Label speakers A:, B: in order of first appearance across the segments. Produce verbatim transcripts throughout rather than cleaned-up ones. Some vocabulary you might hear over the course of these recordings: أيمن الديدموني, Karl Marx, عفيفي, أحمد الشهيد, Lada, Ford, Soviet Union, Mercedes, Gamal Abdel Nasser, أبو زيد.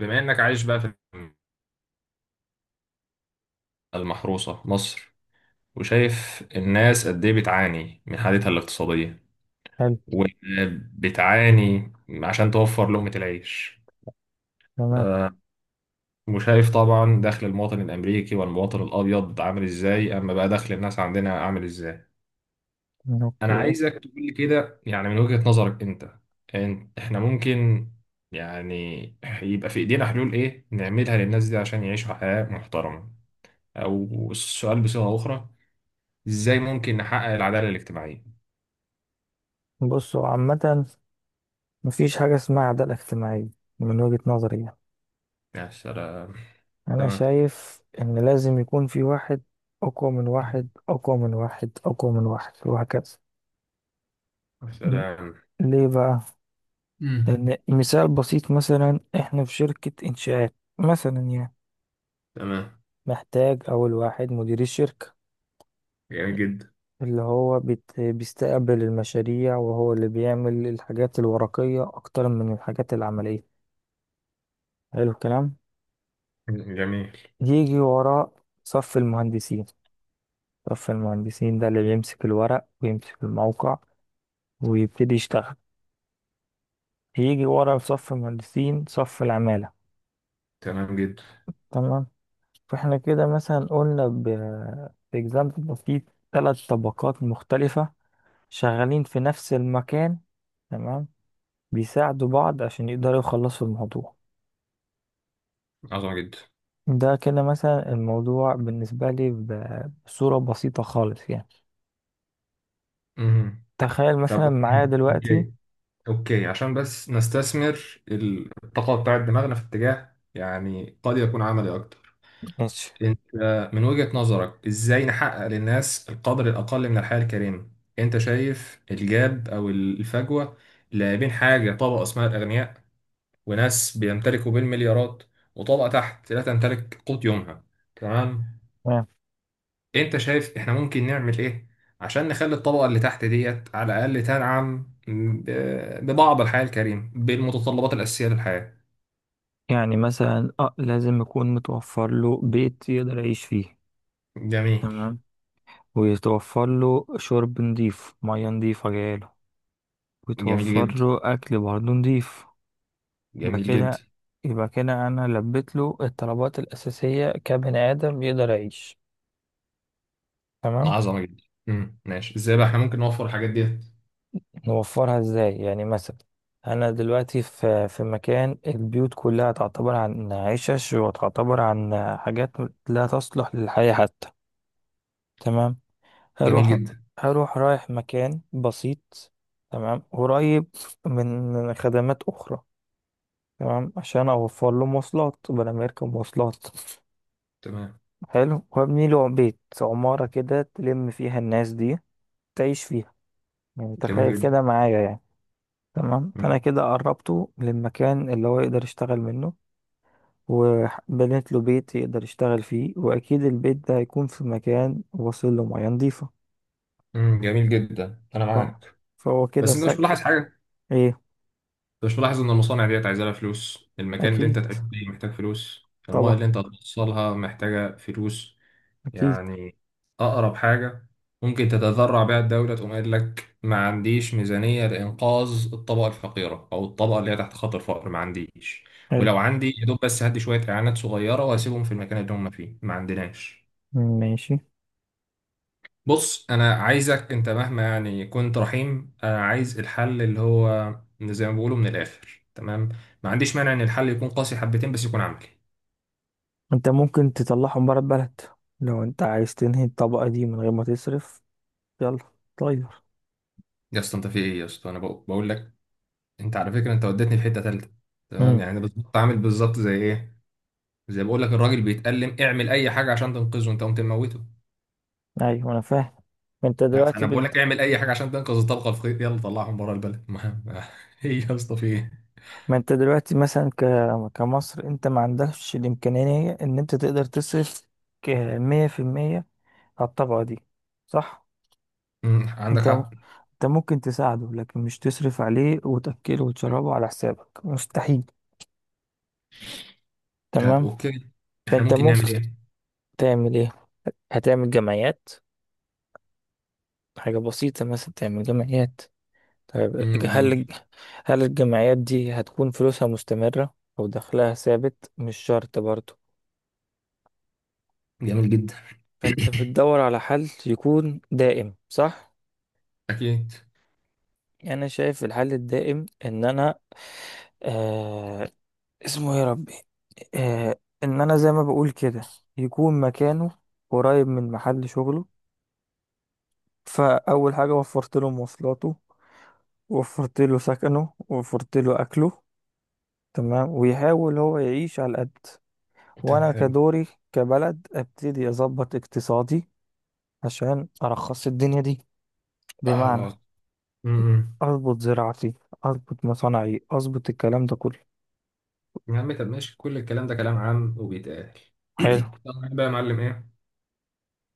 A: بما انك عايش بقى في المحروسة مصر، وشايف الناس قد ايه بتعاني من حالتها الاقتصادية،
B: حلو.
A: وبتعاني عشان توفر لقمة العيش،
B: تمام.
A: آه، وشايف طبعا دخل المواطن الامريكي والمواطن الابيض عامل ازاي، اما بقى دخل الناس عندنا عامل ازاي. انا
B: اوكي.
A: عايزك تقول لي كده، يعني من وجهة نظرك انت إن- احنا ممكن يعني يبقى في ايدينا حلول ايه نعملها للناس دي عشان يعيشوا حياة محترمة، او السؤال بصيغة اخرى، ازاي ممكن نحقق العدالة الاجتماعية؟
B: بصوا عامة، مفيش حاجة اسمها عدالة اجتماعية من وجهة نظري يعني.
A: يا سلام.
B: أنا
A: تمام.
B: شايف إن لازم يكون في واحد أقوى من واحد أقوى من واحد أقوى من واحد وهكذا.
A: يا
B: م-
A: سلام.
B: ليه بقى؟
A: امم
B: لأن مثال بسيط، مثلا إحنا في شركة إنشاءات مثلا يعني.
A: تمام.
B: محتاج أول واحد مدير الشركة،
A: جميل جدا.
B: اللي هو بيت- بيستقبل المشاريع، وهو اللي بيعمل الحاجات الورقية أكتر من الحاجات العملية. حلو الكلام.
A: جميل.
B: يجي وراء صف المهندسين. صف المهندسين ده اللي بيمسك الورق ويمسك الموقع ويبتدي يشتغل. يجي ورا في صف المهندسين صف العمالة.
A: تمام جدا.
B: تمام. فاحنا كده مثلا قلنا ب اكزامبل ده في ثلاث طبقات مختلفة شغالين في نفس المكان. تمام. بيساعدوا بعض عشان يقدروا يخلصوا الموضوع.
A: عظمة جدا.
B: ده كده مثلا الموضوع بالنسبة لي ب- بصورة بسيطة خالص يعني.
A: مهم.
B: تخيل
A: طب
B: مثلا معايا
A: اوكي،
B: دلوقتي.
A: اوكي، اوكي، عشان بس نستثمر الطاقة بتاعت دماغنا في اتجاه يعني قد يكون عملي أكتر.
B: ماشي.
A: أنت من وجهة نظرك إزاي نحقق للناس القدر الأقل من الحياة الكريمة؟ أنت شايف الجاب أو الفجوة اللي بين حاجة طبقة اسمها الأغنياء، وناس بيمتلكوا بالمليارات، وطبقة تحت لا تمتلك قوت يومها. تمام. انت شايف احنا ممكن نعمل ايه عشان نخلي الطبقة اللي تحت ديت على الأقل تنعم ب- ببعض الحياة الكريمة، بالمتطلبات الأساسية للحياة.
B: يعني مثلا اه لازم يكون متوفر له بيت يقدر يعيش فيه.
A: جميل.
B: تمام. ويتوفر له شرب نضيف، مياه نضيفة جايله.
A: جميل
B: ويتوفر
A: جدا.
B: له أكل برضه نضيف. يبقى
A: جميل جدا.
B: كده. يبقى كده أنا لبيت له الطلبات الأساسية كبني آدم يقدر يعيش. تمام.
A: عظمة جدا. امم ماشي، ازاي بقى احنا ممكن نوفر الحاجات ديت؟
B: نوفرها ازاي يعني مثلا؟ أنا دلوقتي في في مكان البيوت كلها تعتبر عن عشش، وتعتبر عن حاجات لا تصلح للحياة حتى. تمام.
A: جميل
B: هروح
A: جدا.
B: هروح رايح مكان بسيط، تمام، قريب من خدمات أخرى، تمام، عشان أوفر له مواصلات بدل ما يركب مواصلات.
A: تمام.
B: حلو. وابني له بيت، عمارة كده، تلم فيها الناس دي تعيش فيها. يعني
A: جميل
B: تخيل
A: جدا.
B: كده معايا يعني. تمام. فأنا كده قربته للمكان اللي هو يقدر يشتغل منه، وبنيت له بيت يقدر يشتغل فيه، وأكيد البيت ده هيكون في مكان واصل له مياه نضيفة.
A: امم جميل جدا، انا
B: ف-
A: معاك.
B: فهو كده
A: بس انت مش
B: سكن.
A: ملاحظ حاجة؟
B: إيه؟
A: انت مش ملاحظ ان المصانع ديت عايزه لها فلوس، المكان اللي
B: أكيد.
A: انت تعيش فيه محتاج فلوس، المايه
B: طبعا.
A: اللي انت هتوصلها محتاجه فلوس؟
B: اكيد.
A: يعني اقرب حاجه ممكن تتذرع بيها الدوله تقوم قايل لك: ما عنديش ميزانيه لانقاذ الطبقه الفقيره او الطبقه اللي هي تحت خط الفقر، ما عنديش.
B: حلو.
A: ولو عندي يا دوب بس هدي شويه اعانات صغيره واسيبهم في المكان اللي هم فيه، ما عندناش.
B: ماشي.
A: بص، انا عايزك انت مهما يعني كنت رحيم، انا عايز الحل اللي هو من- زي ما بيقولوا من الاخر. تمام، ما عنديش مانع ان الحل يكون قاسي حبتين بس يكون عملي.
B: انت ممكن تطلعهم بره البلد. لو انت عايز تنهي الطبقة دي من غير ما تصرف، يلا طير.
A: يا اسطى انت في ايه؟ يا اسطى انا بق- بقول لك، انت على فكره انت وديتني في حته ثالثه. تمام،
B: امم.
A: يعني انا بالظبط عامل بالظبط زي ايه؟ زي بقول لك الراجل بيتألم، اعمل اي حاجه عشان تنقذه، انت قمت مموته.
B: ايوه انا فاهم. ما انت
A: لا،
B: دلوقتي
A: فانا بقول
B: بد...
A: لك اعمل اي حاجه عشان تنقذ الطبقه الفقيره، يلا طلعهم بره البلد ما ما- ايه يا اسطى في ايه؟
B: ما انت دلوقتي مثلا ك... كمصر، انت ما عندكش الامكانية ان انت تقدر تصرف ك- مية في المية على الطبقة دي، صح؟
A: مم، عندك
B: انت م...
A: حق.
B: انت ممكن تساعده لكن مش تصرف عليه وتأكله وتشربه على حسابك. مستحيل.
A: طب
B: تمام.
A: اوكي، احنا
B: فانت
A: ممكن
B: ممكن
A: نعمل ايه؟
B: تعمل ايه؟ هتعمل جمعيات. حاجة بسيطة، مثلا تعمل جمعيات. طيب،
A: مم،
B: هل
A: جميل.
B: الج- هل الجمعيات دي هتكون فلوسها مستمرة أو دخلها ثابت؟ مش شرط برضو.
A: جميل جدا.
B: فأنت بتدور على حل يكون دائم، صح؟
A: أكيد.
B: يعني أنا شايف الحل الدائم إن أنا آه اسمه إيه يا ربي. آه، إن أنا زي ما بقول كده يكون مكانه قريب من محل شغله. فأول حاجة وفرت له مواصلاته، وفرت له سكنه، وفرت له أكله. تمام. ويحاول هو يعيش على قد،
A: طب
B: وانا
A: حلو.
B: كدوري كبلد ابتدي اظبط اقتصادي عشان ارخص الدنيا دي. بمعنى
A: آه. أمم.
B: اظبط زراعتي، اظبط مصانعي، اظبط الكلام ده كله.
A: يا عم طب ماشي، كل الكلام ده كلام عام وبيتقال.
B: حلو.
A: طب بقى يا معلم، إيه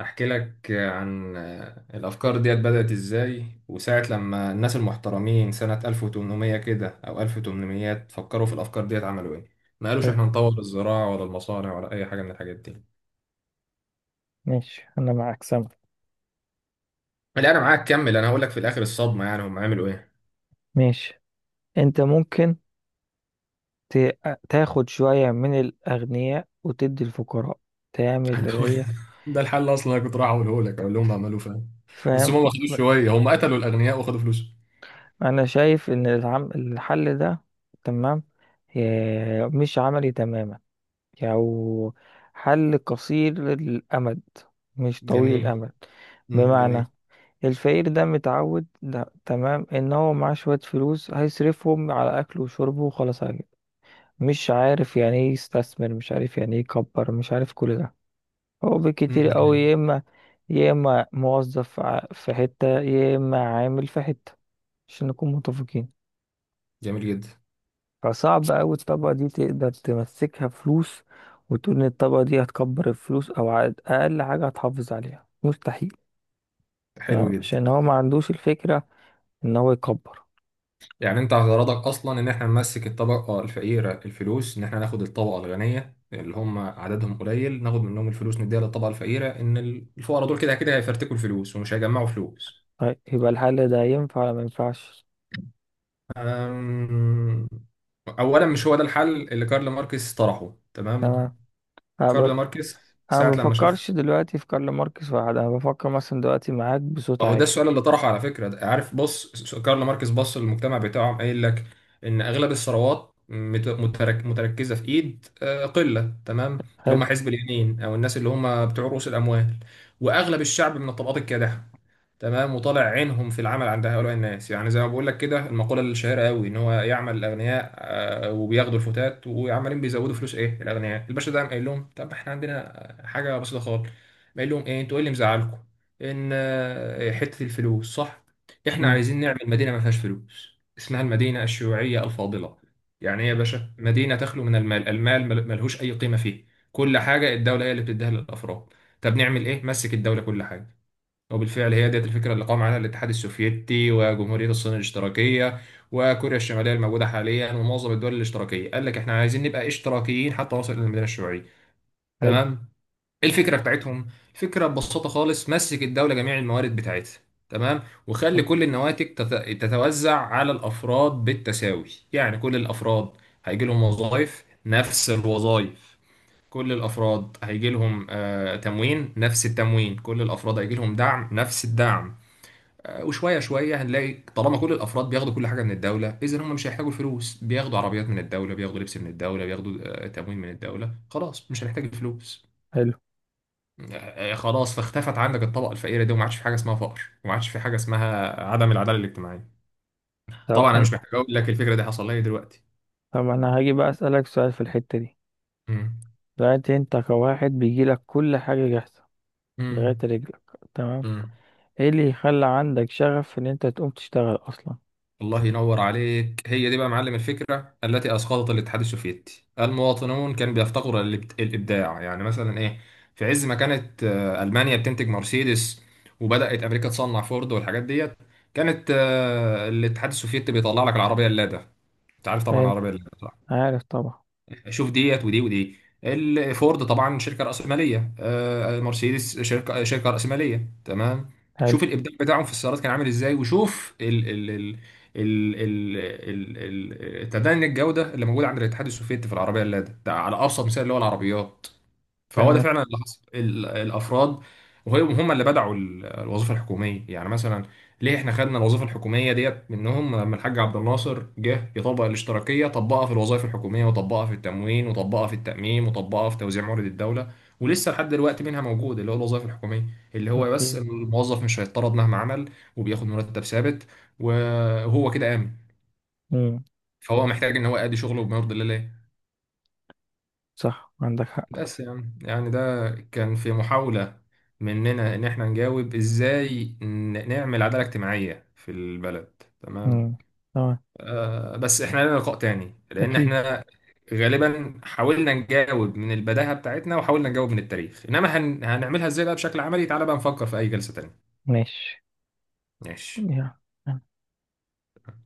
A: أحكي لك عن آه، الأفكار ديت بدأت إزاي؟ وساعة لما الناس المحترمين سنة ألف وتمنمية كده أو ألف وتمنمية فكروا في الأفكار ديت، عملوا إيه؟ ما قالوش
B: حلو.
A: إحنا نطور الزراعة ولا المصانع ولا أي حاجة من الحاجات دي.
B: ماشي انا معاك سامع.
A: لا، أنا معاك، كمل. أنا هقول لك في الآخر الصدمة يعني هم عملوا إيه.
B: ماشي. انت ممكن ت- تاخد شوية من الاغنياء وتدي الفقراء، تعمل اللي
A: هنحاول-
B: هي.
A: ده الحل اصلا، انا كنت رايح اقوله لك، اقول لهم اعملوا، فاهم؟ بس
B: فاهم.
A: هم ما خدوش شويه، هم قتلوا الاغنياء وخدوا فلوسهم.
B: انا شايف ان العم... الحل ده، تمام، إيه، مش عملي تماما. أو حل قصير الأمد مش طويل
A: جميل.
B: الأمد.
A: امم،
B: بمعنى
A: جميل.
B: الفقير ده متعود، ده تمام، إن هو معاه شوية فلوس هيصرفهم على أكله وشربه وخلاص على كده. مش عارف يعني إيه يستثمر، مش عارف يعني إيه يكبر، مش عارف كل ده. هو
A: امم،
B: بالكتير أوي
A: جميل.
B: يا إما، يا إما موظف ع- في حتة، يا إما عامل في حتة، عشان نكون متفقين.
A: جميل جدا.
B: فصعب أوي الطبقة دي تقدر تمسكها فلوس، وتقول إن الطبقة دي هتكبر الفلوس أو على أقل حاجة هتحافظ عليها. مستحيل. تمام.
A: حلو جدا.
B: عشان هو ما عندوش الفكرة إن هو يكبر.
A: يعني انت غرضك اصلا ان احنا نمسك الطبقه الفقيره الفلوس، ان احنا ناخد الطبقه الغنيه اللي هم عددهم قليل ناخد منهم الفلوس نديها للطبقه الفقيره، ان ال- الفقراء دول كده كده هيفرتكوا الفلوس ومش هيجمعوا فلوس.
B: طيب يبقى الحل ده ينفع ولا ما ينفعش؟
A: أم... اولا مش هو ده الحل اللي كارل ماركس طرحه. تمام،
B: تمام. أنا
A: كارل
B: ب-
A: ماركس
B: أنا ما
A: ساعة لما شاف
B: بفكرش دلوقتي في كارل ماركس واحد، أنا بفكر مثلا دلوقتي معاك بصوت
A: اهو ده
B: عالي.
A: السؤال اللي طرحه على فكره. ده- عارف، بص، س- كارل ماركس بص للمجتمع بتاعهم، قايل لك ان اغلب الثروات مت- مترك متركزه في ايد آه، قله، تمام، اللي
B: حلو.
A: هم حزب اليمين او الناس اللي هم بتوع رؤوس الاموال، واغلب الشعب من الطبقات الكادحه. تمام، وطالع عينهم في العمل عند هؤلاء الناس، يعني زي ما بقول لك كده المقوله الشهيره قوي ان هو يعمل الاغنياء آه، وبياخدوا الفتات وعمالين بيزودوا فلوس ايه الاغنياء. الباشا ده قام قايل لهم: طب احنا عندنا حاجه بسيطه خالص، قايل لهم ايه؟ انتوا ايه اللي مزعلكم؟ ان آه، حته الفلوس، صح؟ احنا
B: مم.
A: عايزين نعمل مدينه ما فيهاش فلوس، اسمها المدينه الشيوعيه الفاضله. يعني ايه يا باشا مدينه تخلو من المال؟ المال مل- ملهوش اي قيمه فيه، كل حاجه الدوله هي اللي بتديها للافراد. طب نعمل ايه؟ مسك الدوله كل حاجه. وبالفعل هي ديت الفكره اللي قام عليها الاتحاد السوفيتي وجمهوريه الصين الاشتراكيه وكوريا الشماليه الموجوده حاليا ومعظم الدول الاشتراكيه. قال لك احنا عايزين نبقى اشتراكيين حتى نوصل للمدينه الشيوعيه.
B: حلو.
A: تمام. ايه الفكره بتاعتهم؟ الفكره ببساطه خالص مسك الدوله جميع الموارد بتاعتها، تمام، وخلي كل النواتج تت- تتوزع على الافراد بالتساوي. يعني كل الافراد هيجي لهم وظائف نفس الوظائف، كل الافراد هيجي لهم آه، تموين نفس التموين، كل الافراد هيجي لهم دعم نفس الدعم. آه، وشويه شويه هنلاقي طالما كل الافراد بياخدوا كل حاجه من الدوله، اذا هم مش هيحتاجوا الفلوس. بياخدوا عربيات من الدوله، بياخدوا لبس من الدوله، بياخدوا آه، تموين من الدوله، خلاص مش هنحتاج الفلوس.
B: حلو.
A: آه، خلاص فاختفت عندك الطبقه الفقيره دي، وما عادش في حاجه اسمها فقر، وما عادش في حاجه اسمها عدم العداله الاجتماعيه.
B: طب
A: طبعا انا
B: أنا
A: مش محتاج اقول لك الفكره دي حصل لي دلوقتي.
B: طب أنا هاجي بقى أسألك سؤال في الحتة دي.
A: امم.
B: دلوقتي أنت كواحد بيجيلك كل حاجة جاهزة
A: امم.
B: لغاية رجلك، تمام،
A: امم.
B: ايه اللي يخلى عندك شغف ان انت تقوم تشتغل اصلا؟
A: الله ينور عليك، هي دي بقى معلم الفكره التي اسقطت الاتحاد السوفيتي. المواطنون كانوا بيفتقروا للإبت- الابداع. يعني مثلا ايه؟ في عز ما كانت آه، المانيا بتنتج مرسيدس، وبدات امريكا تصنع فورد والحاجات ديت، كانت آه، الاتحاد السوفيتي بيطلع لك العربيه اللادا. انت عارف طبعا
B: حلو.
A: العربيه اللادا.
B: عارف طبعا.
A: شوف ديت ودي ودي، الفورد طبعا شركه راسماليه، آه، مرسيدس شركه شركه راسماليه، تمام.
B: حلو.
A: شوف الابداع بتاعهم في السيارات كان عامل ازاي، وشوف ال ال ال ال ال ال ال- تدني الجوده اللي موجوده عند الاتحاد السوفيتي في العربيه اللادا ده على ابسط مثال اللي هو العربيات. فهو ده
B: تمام.
A: فعلا اللي حصل، ال- الافراد وهم هم اللي بدعوا ال- الوظيفه الحكوميه. يعني مثلا ليه احنا خدنا الوظيفه الحكوميه ديت منهم؟ لما الحاج عبد الناصر جه يطبق الاشتراكيه طبقها في الوظائف الحكوميه، وطبقها في التموين، وطبقها في التامين، وطبقها في توزيع موارد الدوله. ولسه لحد دلوقتي منها موجود، اللي هو الوظائف الحكوميه، اللي هو بس
B: اوكي.
A: الموظف مش هيتطرد مهما عمل، وبياخد مرتب ثابت، وهو كده امن.
B: امم.
A: فهو محتاج ان هو يأدي شغله بما يرضي الله.
B: صح عندك حق.
A: بس يعني يعني ده كان في محاولة مننا إن إحنا نجاوب إزاي ن- نعمل عدالة اجتماعية في البلد، تمام.
B: امم. تمام.
A: آه بس إحنا لنا لقاء تاني، لأن
B: اكيد.
A: إحنا غالبا حاولنا نجاوب من البداهة بتاعتنا، وحاولنا نجاوب من التاريخ، إنما هن... هنعملها إزاي بقى بشكل عملي؟ تعالى بقى نفكر في أي جلسة تانية.
B: ماشي.
A: ماشي.
B: يلا.